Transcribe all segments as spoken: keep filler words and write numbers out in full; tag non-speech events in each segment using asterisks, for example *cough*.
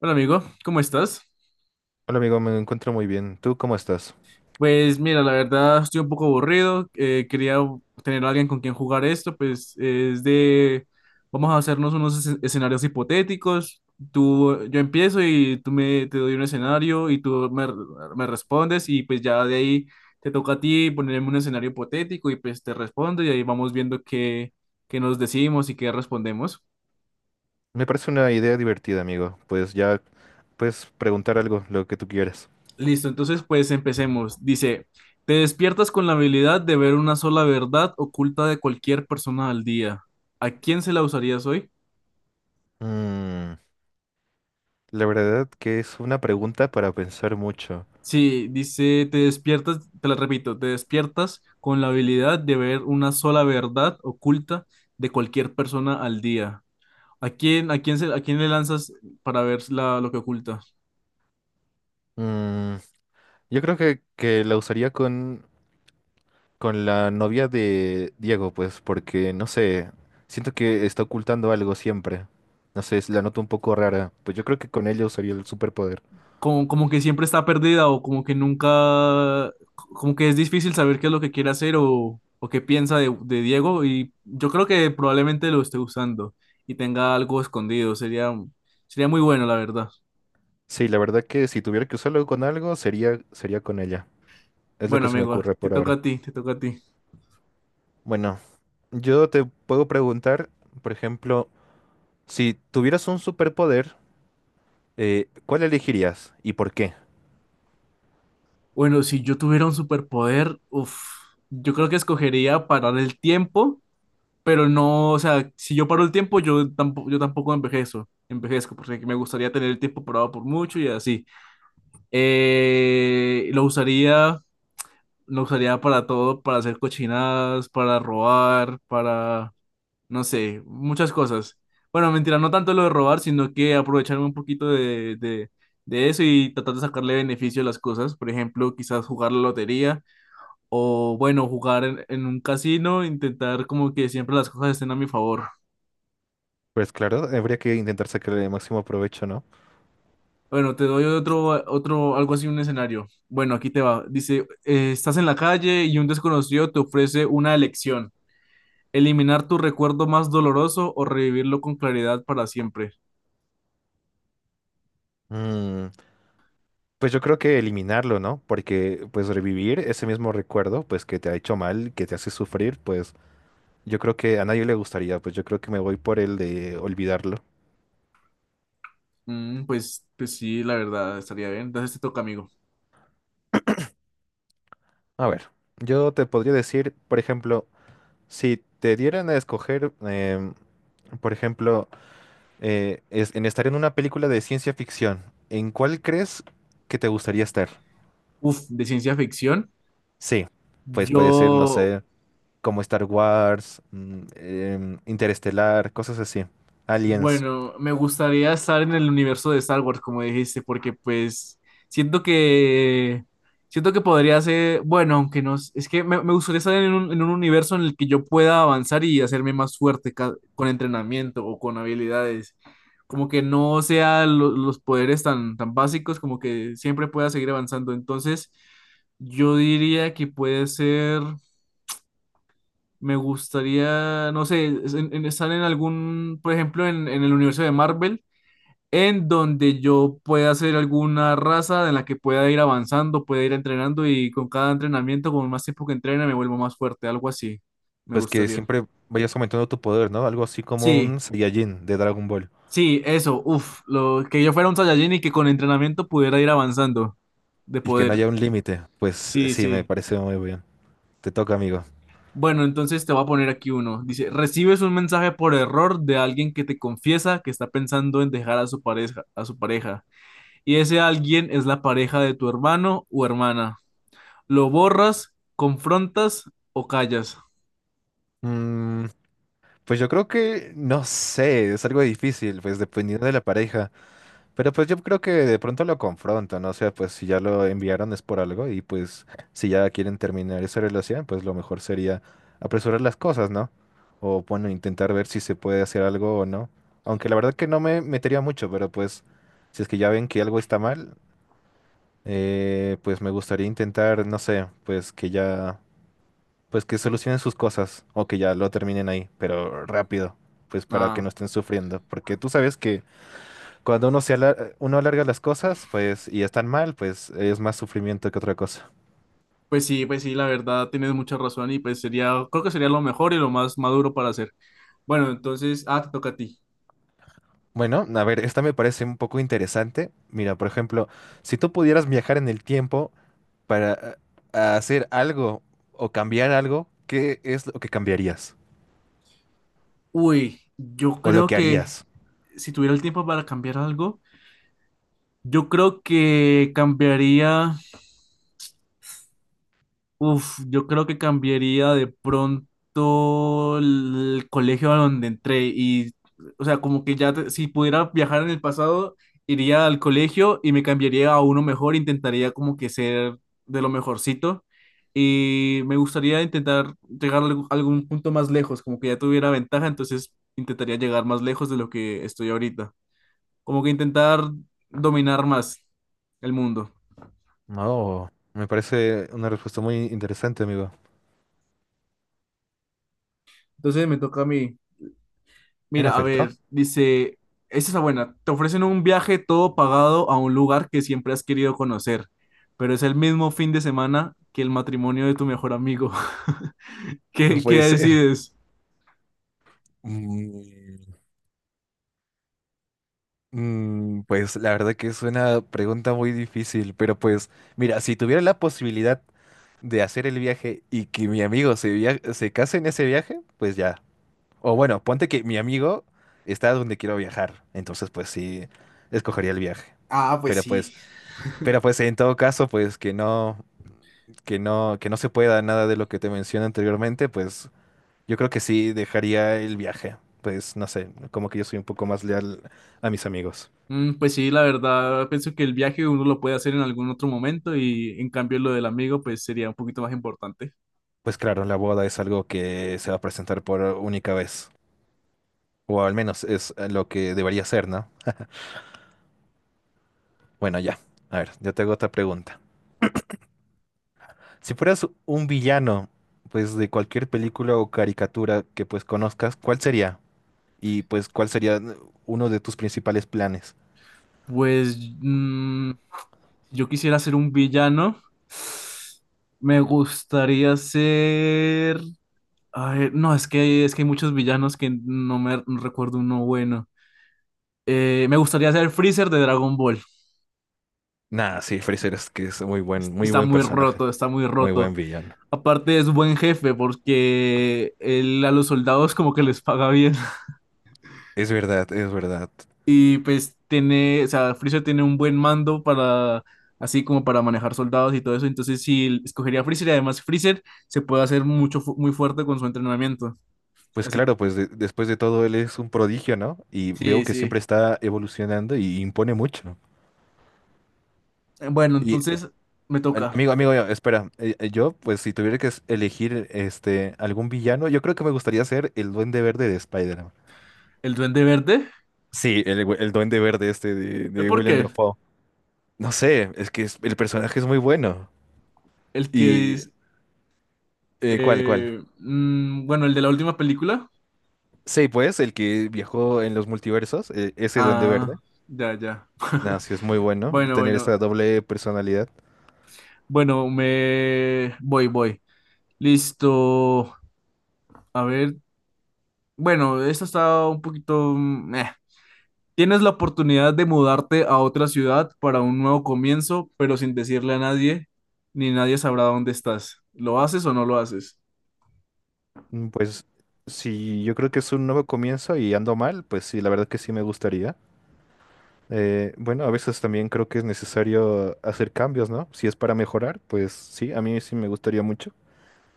Hola amigo, ¿cómo estás? Hola amigo, me encuentro muy bien. ¿Tú cómo estás? Pues mira, la verdad estoy un poco aburrido, eh, quería tener a alguien con quien jugar esto, pues es de, vamos a hacernos unos escen- escenarios hipotéticos, tú, yo empiezo y tú me, te doy un escenario y tú me, me respondes y pues ya de ahí te toca a ti ponerme un escenario hipotético y pues te respondo y ahí vamos viendo qué, qué nos decimos y qué respondemos. Me parece una idea divertida, amigo. Pues ya puedes preguntar algo, lo que tú quieras. Listo, entonces pues empecemos. Dice, te despiertas con la habilidad de ver una sola verdad oculta de cualquier persona al día. ¿A quién se la usarías hoy? Mm, la verdad que es una pregunta para pensar mucho. Sí, dice, te despiertas, te la repito, te despiertas con la habilidad de ver una sola verdad oculta de cualquier persona al día. ¿A quién, a quién se, a quién le lanzas para ver la- lo que oculta? Mm, yo creo que, que la usaría con, con la novia de Diego, pues, porque no sé, siento que está ocultando algo siempre. No sé, la noto un poco rara. Pues yo creo que con ella usaría el superpoder. Como, como que siempre está perdida o como que nunca, como que es difícil saber qué es lo que quiere hacer o, o qué piensa de, de Diego, y yo creo que probablemente lo esté usando y tenga algo escondido. Sería, sería muy bueno, la verdad. Sí, la verdad que si tuviera que usarlo con algo, sería, sería con ella. Es lo Bueno, que se me amigo, ocurre te por toca ahora. a ti, te toca a ti. Bueno, yo te puedo preguntar, por ejemplo, si tuvieras un superpoder, eh, ¿cuál elegirías y por qué? Bueno, si yo tuviera un superpoder, uf, yo creo que escogería parar el tiempo, pero no, o sea, si yo paro el tiempo, yo tampoco, yo tampoco envejezo, envejezco, porque me gustaría tener el tiempo parado por mucho y así. Eh, lo usaría, lo usaría para todo, para hacer cochinadas, para robar, para, no sé, muchas cosas. Bueno, mentira, no tanto lo de robar, sino que aprovecharme un poquito de, de, de eso y tratar de sacarle beneficio a las cosas. Por ejemplo, quizás jugar la lotería o, bueno, jugar en, en un casino, intentar como que siempre las cosas estén a mi favor. Pues claro, habría que intentar sacarle el máximo provecho, ¿no? Bueno, te doy otro, otro, algo así, un escenario. Bueno, aquí te va. Dice, eh, estás en la calle y un desconocido te ofrece una elección. ¿Eliminar tu recuerdo más doloroso o revivirlo con claridad para siempre? Mm, pues yo creo que eliminarlo, ¿no? Porque pues revivir ese mismo recuerdo, pues que te ha hecho mal, que te hace sufrir, pues yo creo que a nadie le gustaría, pues yo creo que me voy por el de olvidarlo. Mm, pues, pues sí, la verdad, estaría bien. Entonces te toca, amigo. A ver, yo te podría decir, por ejemplo, si te dieran a escoger, em, por ejemplo, eh, es- en estar en una película de ciencia ficción, ¿en cuál crees que te gustaría estar? Uf, de ciencia ficción. Sí, pues puede ser, no Yo, sé, como Star Wars, mm, em, Interestelar, cosas así, Aliens, bueno, me gustaría estar en el universo de Star Wars, como dijiste, porque pues siento que siento que podría ser, bueno, aunque no, es es que me, me gustaría estar en un, en un universo en el que yo pueda avanzar y hacerme más fuerte ca- con entrenamiento o con habilidades. Como que no sea lo- los poderes tan, tan básicos, como que siempre pueda seguir avanzando. Entonces, yo diría que puede ser, me gustaría, no sé, es- en- en estar en algún, por ejemplo, en en el universo de Marvel en donde yo pueda hacer alguna raza de la que pueda ir avanzando, pueda ir entrenando y con cada entrenamiento, con más tiempo que entrene, me vuelvo más fuerte, algo así. Me pues que gustaría. siempre vayas aumentando tu poder, ¿no? Algo así como Sí, un Saiyajin de Dragon Ball sí, eso, uff, lo que yo fuera un Saiyajin y que con entrenamiento pudiera ir avanzando de y que no poder. haya un límite, pues Sí, sí, me sí. parece muy bien. Te toca, amigo. Bueno, entonces te voy a poner aquí uno. Dice, recibes un mensaje por error de alguien que te confiesa que está pensando en dejar a su pareja, a su pareja, y ese alguien es la pareja de tu hermano o hermana. ¿Lo borras, confrontas o callas? Mm, pues yo creo que, no sé, es algo difícil, pues dependiendo de la pareja. Pero pues yo creo que de pronto lo confrontan, ¿no? O sea, pues si ya lo enviaron es por algo y pues si ya quieren terminar esa relación, pues lo mejor sería apresurar las cosas, ¿no? O bueno, intentar ver si se puede hacer algo o no. Aunque la verdad que no me metería mucho, pero pues si es que ya ven que algo está mal, eh, pues me gustaría intentar, no sé, pues que ya, pues que solucionen sus cosas o que ya lo terminen ahí, pero rápido, pues para que Ah, no estén sufriendo. Porque tú sabes que... Cuando uno se alar- eh, Uno alarga las cosas, pues, y están mal, pues es más sufrimiento que otra cosa. pues sí, pues sí, la verdad tienes mucha razón y pues sería, creo que sería lo mejor y lo más maduro para hacer. Bueno, entonces, ah, te toca a ti. Bueno, a ver, esta me parece un poco interesante. Mira, por ejemplo, si tú pudieras viajar en el tiempo para ah, hacer algo o cambiar algo, ¿qué es lo que cambiarías? Uy, yo ¿O lo creo que que harías? si tuviera el tiempo para cambiar algo, yo creo que cambiaría. Uf, yo creo que cambiaría de pronto el colegio a donde entré y, o sea, como que ya te- si pudiera viajar en el pasado, iría al colegio y me cambiaría a uno mejor, intentaría como que ser de lo mejorcito y me gustaría intentar llegar a algún algún punto más lejos, como que ya tuviera ventaja, entonces intentaría llegar más lejos de lo que estoy ahorita, como que intentar dominar más el mundo. No, me parece una respuesta muy interesante, amigo. Entonces me toca a mí. En Mira, a efecto, ver, dice, esa es la buena. Te ofrecen un viaje todo pagado a un lugar que siempre has querido conocer, pero es el mismo fin de semana que el matrimonio de tu mejor amigo. *laughs* no ¿Qué, qué puede ser. decides? Mm, mm, pues la verdad que es una pregunta muy difícil, pero pues, mira, si tuviera la posibilidad de hacer el viaje y que mi amigo se, via- se case en ese viaje, pues ya. O bueno, ponte que mi amigo está donde quiero viajar, entonces pues sí, escogería el viaje. Ah, pues Pero sí. pues, pero pues en todo caso, pues que no, que no, que no se pueda nada de lo que te mencioné anteriormente, pues yo creo que sí dejaría el viaje. Pues no sé, como que yo soy un poco más leal a mis amigos. Mm, pues sí, la verdad, pienso que el viaje uno lo puede hacer en algún otro momento y en cambio lo del amigo pues sería un poquito más importante. Pues claro, la boda es algo que se va a presentar por única vez, o al menos es lo que debería ser, ¿no? Bueno, ya. A ver, yo te hago otra pregunta. Si fueras un villano, pues de cualquier película o caricatura que pues conozcas, ¿cuál sería? Y pues, ¿cuál sería eh, uno de tus principales planes? Pues mm, yo quisiera ser un villano. Me gustaría ser... Ay, no, es que, es que hay muchos villanos que no me no recuerdo uno bueno. Eh, me gustaría ser Freezer de Dragon Ball. Nah, sí, Freezer es que es muy buen, Es- muy Está buen muy personaje, roto, está muy muy roto. buen villano. Aparte es buen jefe porque él a los soldados como que les paga bien. Es verdad, es verdad. Y pues tiene, o sea, Freezer tiene un buen mando para, así como para manejar soldados y todo eso. Entonces sí, escogería a Freezer y además Freezer se puede hacer mucho, fu- muy fuerte con su entrenamiento. Pues Así, claro, pues de- después de todo él es un prodigio, ¿no? Y sí, veo que siempre sí. está evolucionando y impone mucho. Eh, bueno, Y entonces me Am- toca amigo, amigo, mío, espera. Eh, eh, Yo, pues, si tuviera que es- elegir este algún villano, yo creo que me gustaría ser el Duende Verde de Spider-Man. el Duende Verde. Sí, el, gu- el Duende Verde este de, ¿Eh, de ¿Por William qué? Dafoe. No sé, es que es- el personaje es muy bueno. El que Y dice, eh, ¿cuál, cuál? eh, mm, bueno, el de la última película. Sí, pues, el que viajó en los multiversos, eh, ese Duende Ah, Verde. ya, ya. Nada, *laughs* sí es muy bueno Bueno, tener bueno, esta doble personalidad. bueno, me voy, voy. Listo. A ver, bueno, esto está un poquito... mm, eh. Tienes la oportunidad de mudarte a otra ciudad para un nuevo comienzo, pero sin decirle a nadie, ni nadie sabrá dónde estás. ¿Lo haces o no lo haces? Mm, Pues, si yo creo que es un nuevo comienzo y ando mal, pues sí, la verdad que sí me gustaría. Eh, bueno, a veces también creo que es necesario hacer cambios, ¿no? Si es para mejorar, pues sí, a mí sí me gustaría mucho.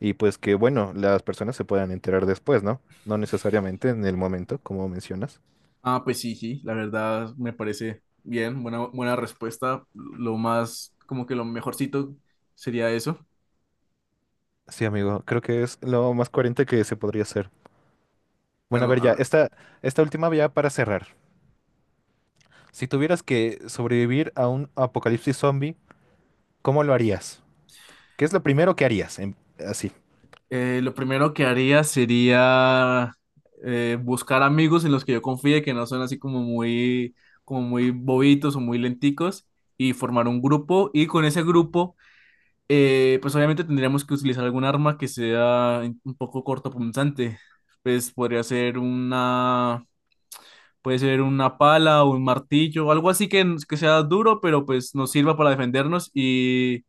Y pues que, bueno, las personas se puedan enterar después, ¿no? No necesariamente en el momento, como mencionas. Ah, pues sí, sí, la verdad me parece bien, buena, buena respuesta. Lo más, como que lo mejorcito sería eso. Sí, amigo, creo que es lo más coherente que se podría hacer. Bueno, a Bueno, ver, a ya, ver. esta, esta última ya para cerrar. Si tuvieras que sobrevivir a un apocalipsis zombie, ¿cómo lo harías? ¿Qué es lo primero que harías? En- así. Eh, lo primero que haría sería eh, buscar amigos en los que yo confíe, que no son así como muy, como muy bobitos o muy lenticos, y formar un grupo. Y con ese grupo, eh, pues obviamente tendríamos que utilizar algún arma que sea un poco cortopunzante. Pues podría ser una, puede ser una pala o un martillo, algo así que, que sea duro, pero pues nos sirva para defendernos, y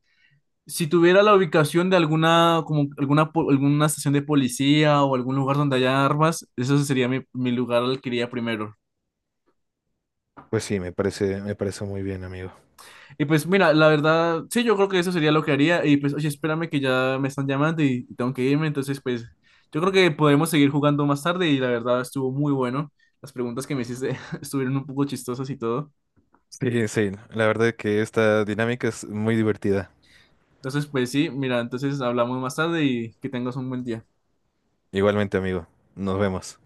si tuviera la ubicación de alguna, como alguna, po- alguna estación de policía o algún lugar donde haya armas, eso sería mi, mi lugar al que iría primero. Pues sí, me parece, me parece muy bien, amigo. Y pues mira, la verdad, sí, yo creo que eso sería lo que haría. Y pues, oye, espérame que ya me están llamando y, y tengo que irme. Entonces, pues, yo creo que podemos seguir jugando más tarde y la verdad estuvo muy bueno. Las preguntas que me hiciste *laughs* estuvieron un poco chistosas y todo. Sí, sí, la verdad que esta dinámica es muy divertida. Entonces, pues sí, mira, entonces hablamos más tarde y que tengas un buen día. Igualmente, amigo, nos vemos.